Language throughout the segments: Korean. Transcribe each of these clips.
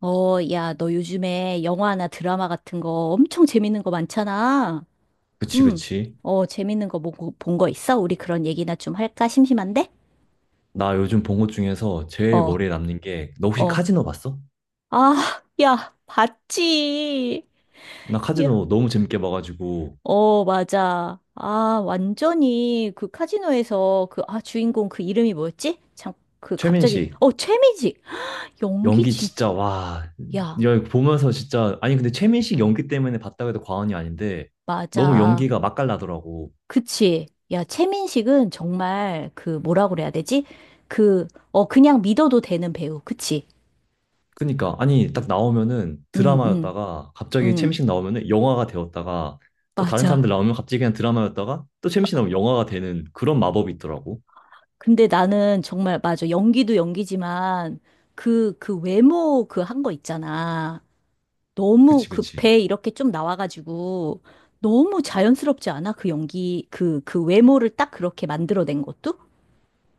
야, 너 요즘에 영화나 드라마 같은 거 엄청 재밌는 거 많잖아. 그치, 응. 그치. 재밌는 거 보고 본 거 있어? 우리 그런 얘기나 좀 할까? 심심한데? 나 요즘 본 것 중에서 제일 어, 머리에 남는 게, 너 혹시 어. 카지노 봤어? 아, 야, 봤지. 나 야. 카지노 너무 재밌게 봐가지고, 어, 맞아. 아, 완전히 그 카지노에서 그, 아, 주인공 그 이름이 뭐였지? 참, 그 갑자기, 최민식, 최미지. 연기 연기 진짜. 진짜, 와, 야, 야, 이거 보면서 진짜, 아니, 근데 최민식 연기 때문에 봤다고 해도 과언이 아닌데, 너무 맞아. 연기가 맛깔나더라고. 그치. 야, 최민식은 정말 그 뭐라 그래야 되지? 그, 그냥 믿어도 되는 배우. 그치? 그니까, 아니, 딱 나오면은 응, 응, 드라마였다가, 갑자기 응. 최민식 나오면은 영화가 되었다가, 또 다른 사람들 맞아. 나오면 갑자기 그냥 드라마였다가, 또 최민식 나오면 영화가 되는 그런 마법이 있더라고. 근데 나는 정말, 맞아. 연기도 연기지만 그 외모 그 한 거 있잖아. 너무 그치, 그 그치. 배 이렇게 좀 나와가지고 너무 자연스럽지 않아? 그 연기, 그 외모를 딱 그렇게 만들어낸 것도?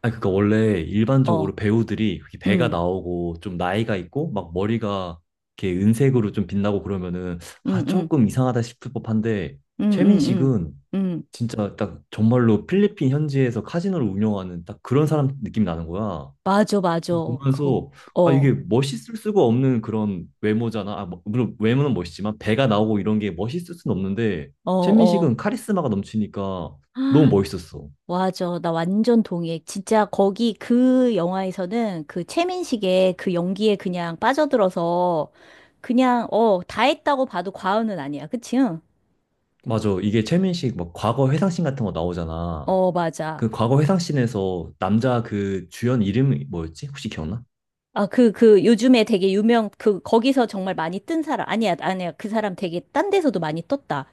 아니, 그니까 원래 어, 일반적으로 배우들이 그렇게 배가 응, 나오고 좀 나이가 있고 막 머리가 이렇게 은색으로 좀 빛나고 그러면은 응, 아, 응, 조금 이상하다 싶을 법한데 응, 응, 응, 최민식은 응. 진짜 딱 정말로 필리핀 현지에서 카지노를 운영하는 딱 그런 사람 느낌이 나는 거야. 맞아, 맞아. 거, 보면서 아, 어. 이게 멋있을 수가 없는 그런 외모잖아. 아, 뭐, 물론 외모는 멋있지만 배가 나오고 이런 게 멋있을 수는 없는데 어, 어. 최민식은 카리스마가 넘치니까 너무 아, 멋있었어. 맞아. 나 완전 동의해. 진짜 거기 그 영화에서는 그 최민식의 그 연기에 그냥 빠져들어서 그냥, 다 했다고 봐도 과언은 아니야. 그치? 응? 맞아. 이게 최민식 막 과거 회상씬 같은 거 나오잖아. 어, 맞아. 그 과거 회상씬에서 남자 그 주연 이름이 뭐였지? 혹시 기억나? 아, 요즘에 되게 유명, 그, 거기서 정말 많이 뜬 사람. 아니야, 아니야. 그 사람 되게 딴 데서도 많이 떴다.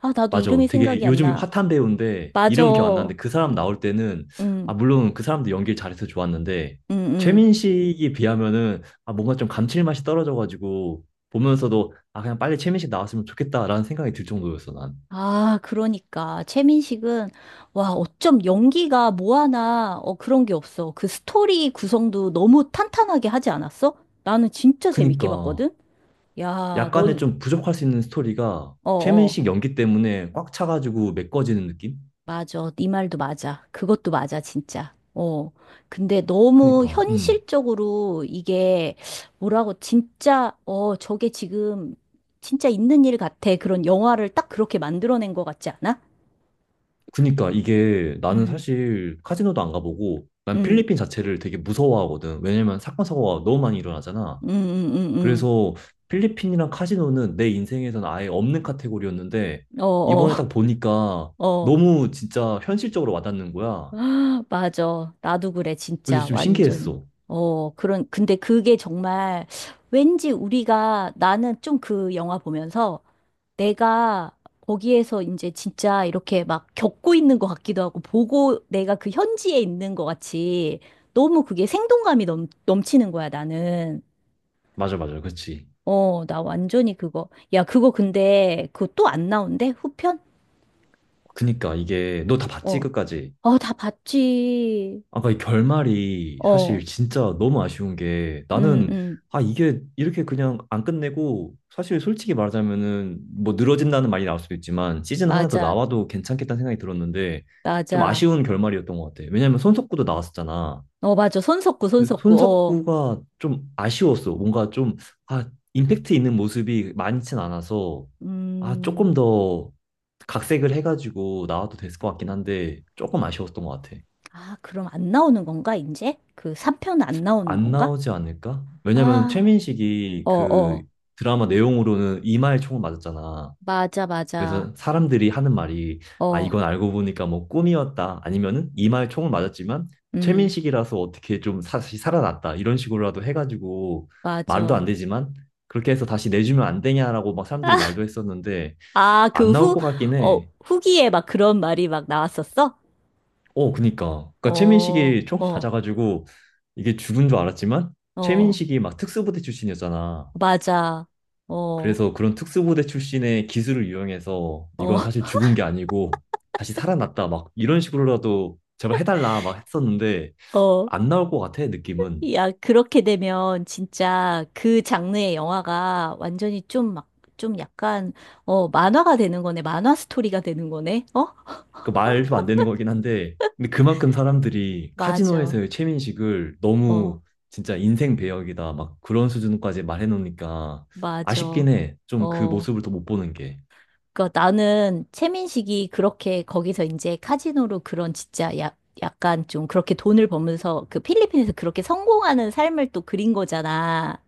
아, 나도 맞아. 이름이 되게 생각이 안 요즘 나. 핫한 배우인데 맞아. 이름 기억 안 나는데 그 사람 나올 때는 응, 아 물론 그 사람도 연기를 잘해서 좋았는데 응, 응. 최민식이 비하면은 아 뭔가 좀 감칠맛이 떨어져가지고 보면서도 아 그냥 빨리 최민식 나왔으면 좋겠다라는 생각이 들 정도였어 난. 아, 그러니까. 최민식은, 와, 어쩜 연기가 뭐 하나, 그런 게 없어. 그 스토리 구성도 너무 탄탄하게 하지 않았어? 나는 진짜 재밌게 그니까 봤거든? 야, 약간의 넌, 좀 부족할 수 있는 스토리가 어, 어, 최민식 연기 때문에 꽉 차가지고 메꿔지는 느낌? 맞아. 네 말도 맞아. 그것도 맞아, 진짜. 어. 근데 너무 그니까, 현실적으로 이게, 뭐라고, 진짜, 어, 저게 지금, 진짜 있는 일 같아. 그런 영화를 딱 그렇게 만들어낸 것 같지 않아? 그니까 이게 나는 음. 사실 카지노도 안 가보고 난 음, 필리핀 자체를 되게 무서워하거든. 왜냐면 사건, 사고가 너무 많이 일어나잖아. 음, 음, 음, 음. 그래서 필리핀이랑 카지노는 내 인생에선 아예 없는 카테고리였는데 어, 어, 이번에 딱 보니까 어. 너무 진짜 현실적으로 와닿는 거야. 맞아. 나도 그래, 그래서 진짜. 좀 완전히. 신기했어. 그런, 근데 그게 정말 왠지 우리가 나는 좀 그 영화 보면서 내가 거기에서 이제 진짜 이렇게 막 겪고 있는 것 같기도 하고 보고 내가 그 현지에 있는 것 같이 너무 그게 생동감이 넘치는 거야, 나는. 맞아, 맞아. 그렇지. 나 완전히 그거. 야, 그거 근데 그거 또 안 나온대? 후편? 그니까 이게 너 다 봤지, 어. 끝까지? 어, 다 봤지. 아까 이 결말이 어. 사실 진짜 너무 아쉬운 게 음, 나는 음, 아 이게 이렇게 그냥 안 끝내고 사실 솔직히 말하자면은 뭐 늘어진다는 말이 나올 수도 있지만 시즌 하나 더 맞아, 나와도 괜찮겠다는 생각이 들었는데 좀 맞아. 아쉬운 결말이었던 것 같아. 왜냐면 손석구도 나왔었잖아. 어, 맞아. 손 섞고, 손 근데 섞고, 어. 손석구가 좀 아쉬웠어. 뭔가 좀 아 임팩트 있는 모습이 많진 않아서 아 음, 조금 더 각색을 해가지고 나와도 됐을 것 같긴 한데 조금 아쉬웠던 것 같아. 아, 그럼 안 나오는 건가, 이제? 그 삼편 안 나오는 안 건가? 나오지 않을까? 왜냐면 아, 최민식이 어, 그 어. 드라마 내용으로는 이마에 총을 맞았잖아. 맞아, 맞아. 그래서 사람들이 하는 말이 아 어, 이건 알고 보니까 뭐 꿈이었다 아니면은 이마에 총을 맞았지만 음, 최민식이라서 어떻게 좀 다시 살아났다 이런 식으로라도 해가지고 말도 맞아. 안 되지만 그렇게 해서 다시 내주면 안 되냐라고 막 사람들이 말도 했었는데 아, 그 안 나올 후, 것 같긴 어, 해. 후기에 막 그런 말이 막 나왔었어? 어 그니까 어, 최민식이 총 어, 맞아가지고 이게 죽은 줄 알았지만 어, 최민식이 막 특수부대 출신이었잖아. 맞아. 어, 그래서 그런 특수부대 출신의 기술을 이용해서 어, 이건 사실 죽은 게 아니고 다시 살아났다 막 이런 식으로라도 제발 해달라 막 했었는데 어. 안 나올 것 같아 느낌은 야, 그렇게 되면 진짜 그 장르의 영화가 완전히 좀 막, 좀 약간, 만화가 되는 거네. 만화 스토리가 되는 거네. 어? 그 말도 안 되는 거긴 한데 근데 그만큼 사람들이 맞아. 카지노에서의 최민식을 어, 너무 진짜 인생 배역이다 막 그런 수준까지 말해놓으니까 맞아. 아쉽긴 해 좀 그 어. 모습을 더 못 보는 게 그 나는 최민식이 그렇게 거기서 이제 카지노로 그런 진짜 약 약간 좀 그렇게 돈을 벌면서 그 필리핀에서 그렇게 성공하는 삶을 또 그린 거잖아.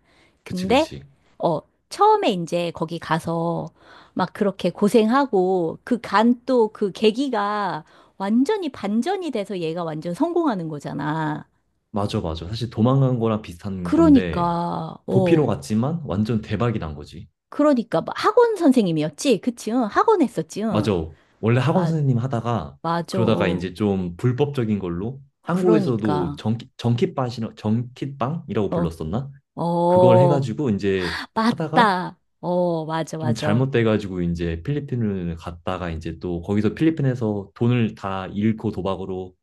그치 근데 그치 어 처음에 이제 거기 가서 막 그렇게 고생하고 그 간 또 그 계기가 완전히 반전이 돼서 얘가 완전 성공하는 거잖아. 맞아 맞아 사실 도망간 거랑 비슷한 건데 그러니까 도피로 어 갔지만 완전 대박이 난 거지 그러니까 막 학원 선생님이었지, 그치? 응, 학원 했었지. 응. 맞아. 원래 학원 아 선생님 하다가 맞아. 그러다가 이제 좀 불법적인 걸로 한국에서도 그러니까. 정키팟이라, 정키빵이라고 어, 불렀었나? 그걸 어, 해가지고 이제 하다가 맞다. 어, 맞아, 좀 맞아. 어, 잘못돼가지고 이제 필리핀을 갔다가 이제 또 거기서 필리핀에서 돈을 다 잃고 도박으로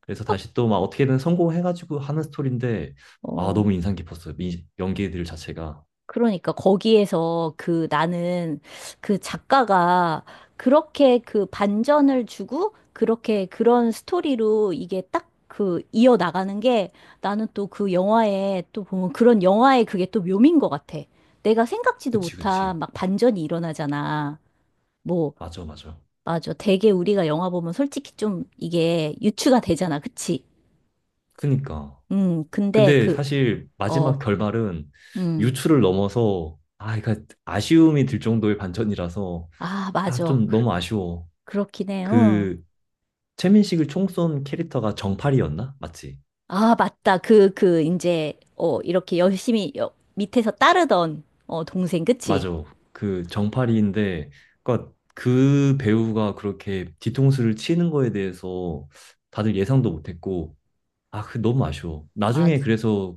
그래서 다시 또 막 어떻게든 성공해가지고 하는 스토리인데 아 어. 너무 인상 깊었어요. 이 연기들 자체가. 그러니까 거기에서 그 나는 그 작가가 그렇게 그 반전을 주고 그렇게 그런 스토리로 이게 딱 그 이어나가는 게 나는 또 그 영화에 또 보면 그런 영화의 그게 또 묘미인 것 같아. 내가 생각지도 그치 못한 그치. 막 반전이 일어나잖아. 뭐, 맞아 맞아. 맞아. 되게 우리가 영화 보면 솔직히 좀 이게 유추가 되잖아. 그치? 그니까. 근데 근데 그, 사실 어, 마지막 결말은 음, 유추를 넘어서 아, 그러 아쉬움이 들 정도의 반전이라서 아, 아, 맞아. 좀 그- 너무 아쉬워. 그렇긴 해, 응. 그 최민식을 총 쏜 캐릭터가 정팔이었나? 맞지? 아, 맞다. 이제, 이렇게 열심히 여, 밑에서 따르던, 동생, 그치? 맞아. 그 정팔이인데 그러니까 그 배우가 그렇게 뒤통수를 치는 거에 대해서 다들 예상도 못했고 아, 그 너무 아쉬워. 맞, 나중에 그래서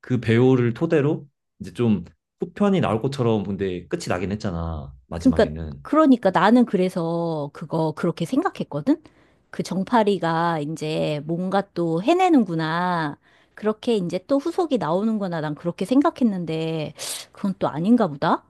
그 배우를 토대로 이제 좀 후편이 나올 것처럼 근데 끝이 나긴 했잖아. 그러니까, 마지막에는. 그러니까 나는 그래서 그거 그렇게 생각했거든? 그 정파리가 이제 뭔가 또 해내는구나. 그렇게 이제 또 후속이 나오는구나. 난 그렇게 생각했는데, 그건 또 아닌가 보다?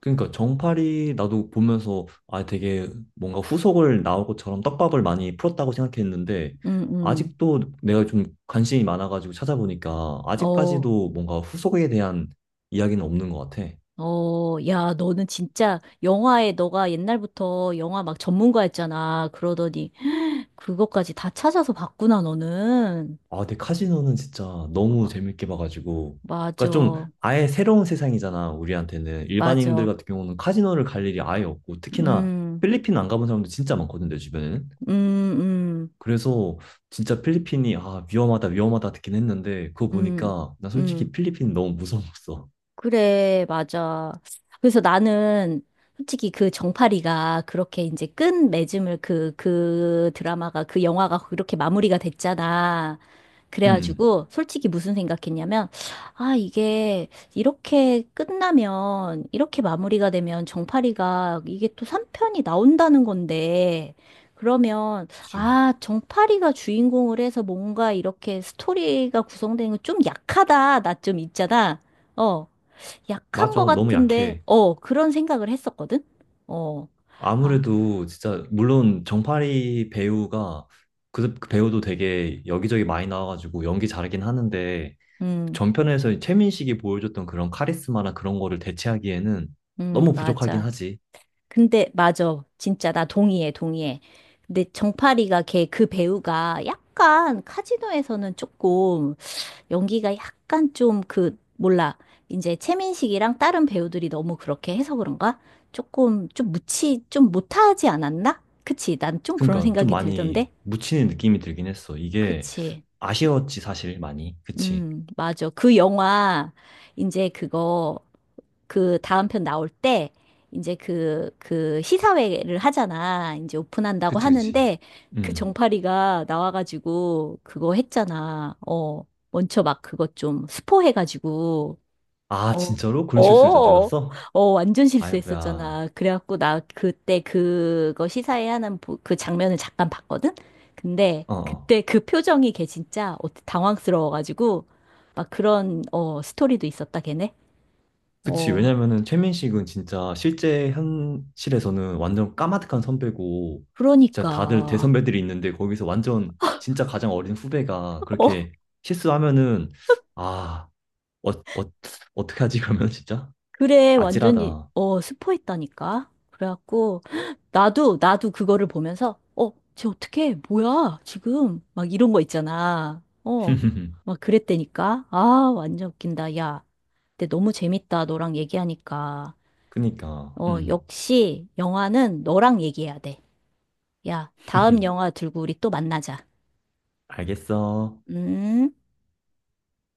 그러니까 정팔이 나도 보면서 아 되게 뭔가 후속을 나올 것처럼 떡밥을 많이 풀었다고 생각했는데 응, 응. 아직도 내가 좀 관심이 많아가지고 찾아보니까 어. 아직까지도 뭔가 후속에 대한 이야기는 없는 것 같아. 어, 야, 너는 진짜 영화에 너가 옛날부터 영화 막 전문가였잖아. 그러더니 그것까지 다 찾아서 봤구나, 너는. 아 근데 카지노는 진짜 너무 봐봐. 재밌게 봐가지고 그러니까 좀 맞아. 아예 새로운 세상이잖아 우리한테는 일반인들 맞아. 같은 경우는 카지노를 갈 일이 아예 없고 특히나 음, 필리핀 안 가본 사람도 진짜 많거든 내 주변에는. 음, 음, 그래서 진짜 필리핀이 아 위험하다 위험하다 듣긴 했는데 그거 음, 보니까 나 음. 솔직히 필리핀 너무 무서웠어. 그래, 맞아. 그래서 나는 솔직히 그 정파리가 그렇게 이제 끝맺음을 그, 그 드라마가, 그 영화가 그렇게 마무리가 됐잖아. 음, 그래가지고 솔직히 무슨 생각했냐면 아 이게 이렇게 끝나면 이렇게 마무리가 되면 정파리가 이게 또 3편이 나온다는 건데 그러면 그치. 아 정파리가 주인공을 해서 뭔가 이렇게 스토리가 구성되는 건 좀 약하다 나 좀 있잖아 어 약한 맞아, 거 너무 같은데 약해. 어 그런 생각을 했었거든 어 아 아무래도 진짜 물론 정파리 배우가 그 배우도 되게 여기저기 많이 나와가지고 연기 잘하긴 하는데 음 전편에서 최민식이 보여줬던 그런 카리스마나 그런 거를 대체하기에는 너무 부족하긴 맞아 하지. 근데 맞아. 진짜 나 동의해, 동의해. 근데 정파리가 걔 그 배우가 약간 카지노에서는 조금 연기가 약간 좀 그 몰라. 이제 최민식이랑 다른 배우들이 너무 그렇게 해서 그런가? 조금 좀 무치 좀 못하지 않았나? 그치? 난 좀 그런 그러니까 좀 생각이 많이 들던데. 묻히는 느낌이 들긴 했어. 이게 그치? 아쉬웠지 사실 많이. 그치? 맞아. 그 영화 이제 그거 그 다음 편 나올 때 이제 그 시사회를 하잖아. 이제 오픈한다고 그치, 그치. 하는데 그 음. 정파리가 나와가지고 그거 했잖아. 먼저 막 그거 좀 스포해가지고, 아, 어, 진짜로? 그런 실수를 어, 저질렀어? 어, 완전 아이고야. 실수했었잖아. 그래갖고 나 그때 그거 시사회 하는 그 장면을 잠깐 봤거든? 근데 어. 어. 그때 그 표정이 걔 진짜 어- 당황스러워가지고 막 그런, 스토리도 있었다, 걔네. 그치. 어. 왜냐면은 최민식은 진짜 실제 현실에서는 완전 까마득한 선배고, 그러니까. 진짜 다들 대선배들이 있는데 거기서 완전 진짜 가장 어린 후배가 어, 그렇게 실수하면은, 아, 어, 어, 어떻게 하지, 그러면 진짜? 그래, 완전히, 아찔하다. 스포했다니까. 그래갖고, 나도, 나도 그거를 보면서, 쟤 어떡해, 뭐야, 지금. 막 이런 거 있잖아. 어, 막 그랬다니까. 아, 완전 웃긴다, 야. 근데 너무 재밌다, 너랑 얘기하니까. 그니까, 음. 역시, 영화는 너랑 얘기해야 돼. 야, 다음 영화 들고 우리 또 만나자. 알겠어. 음.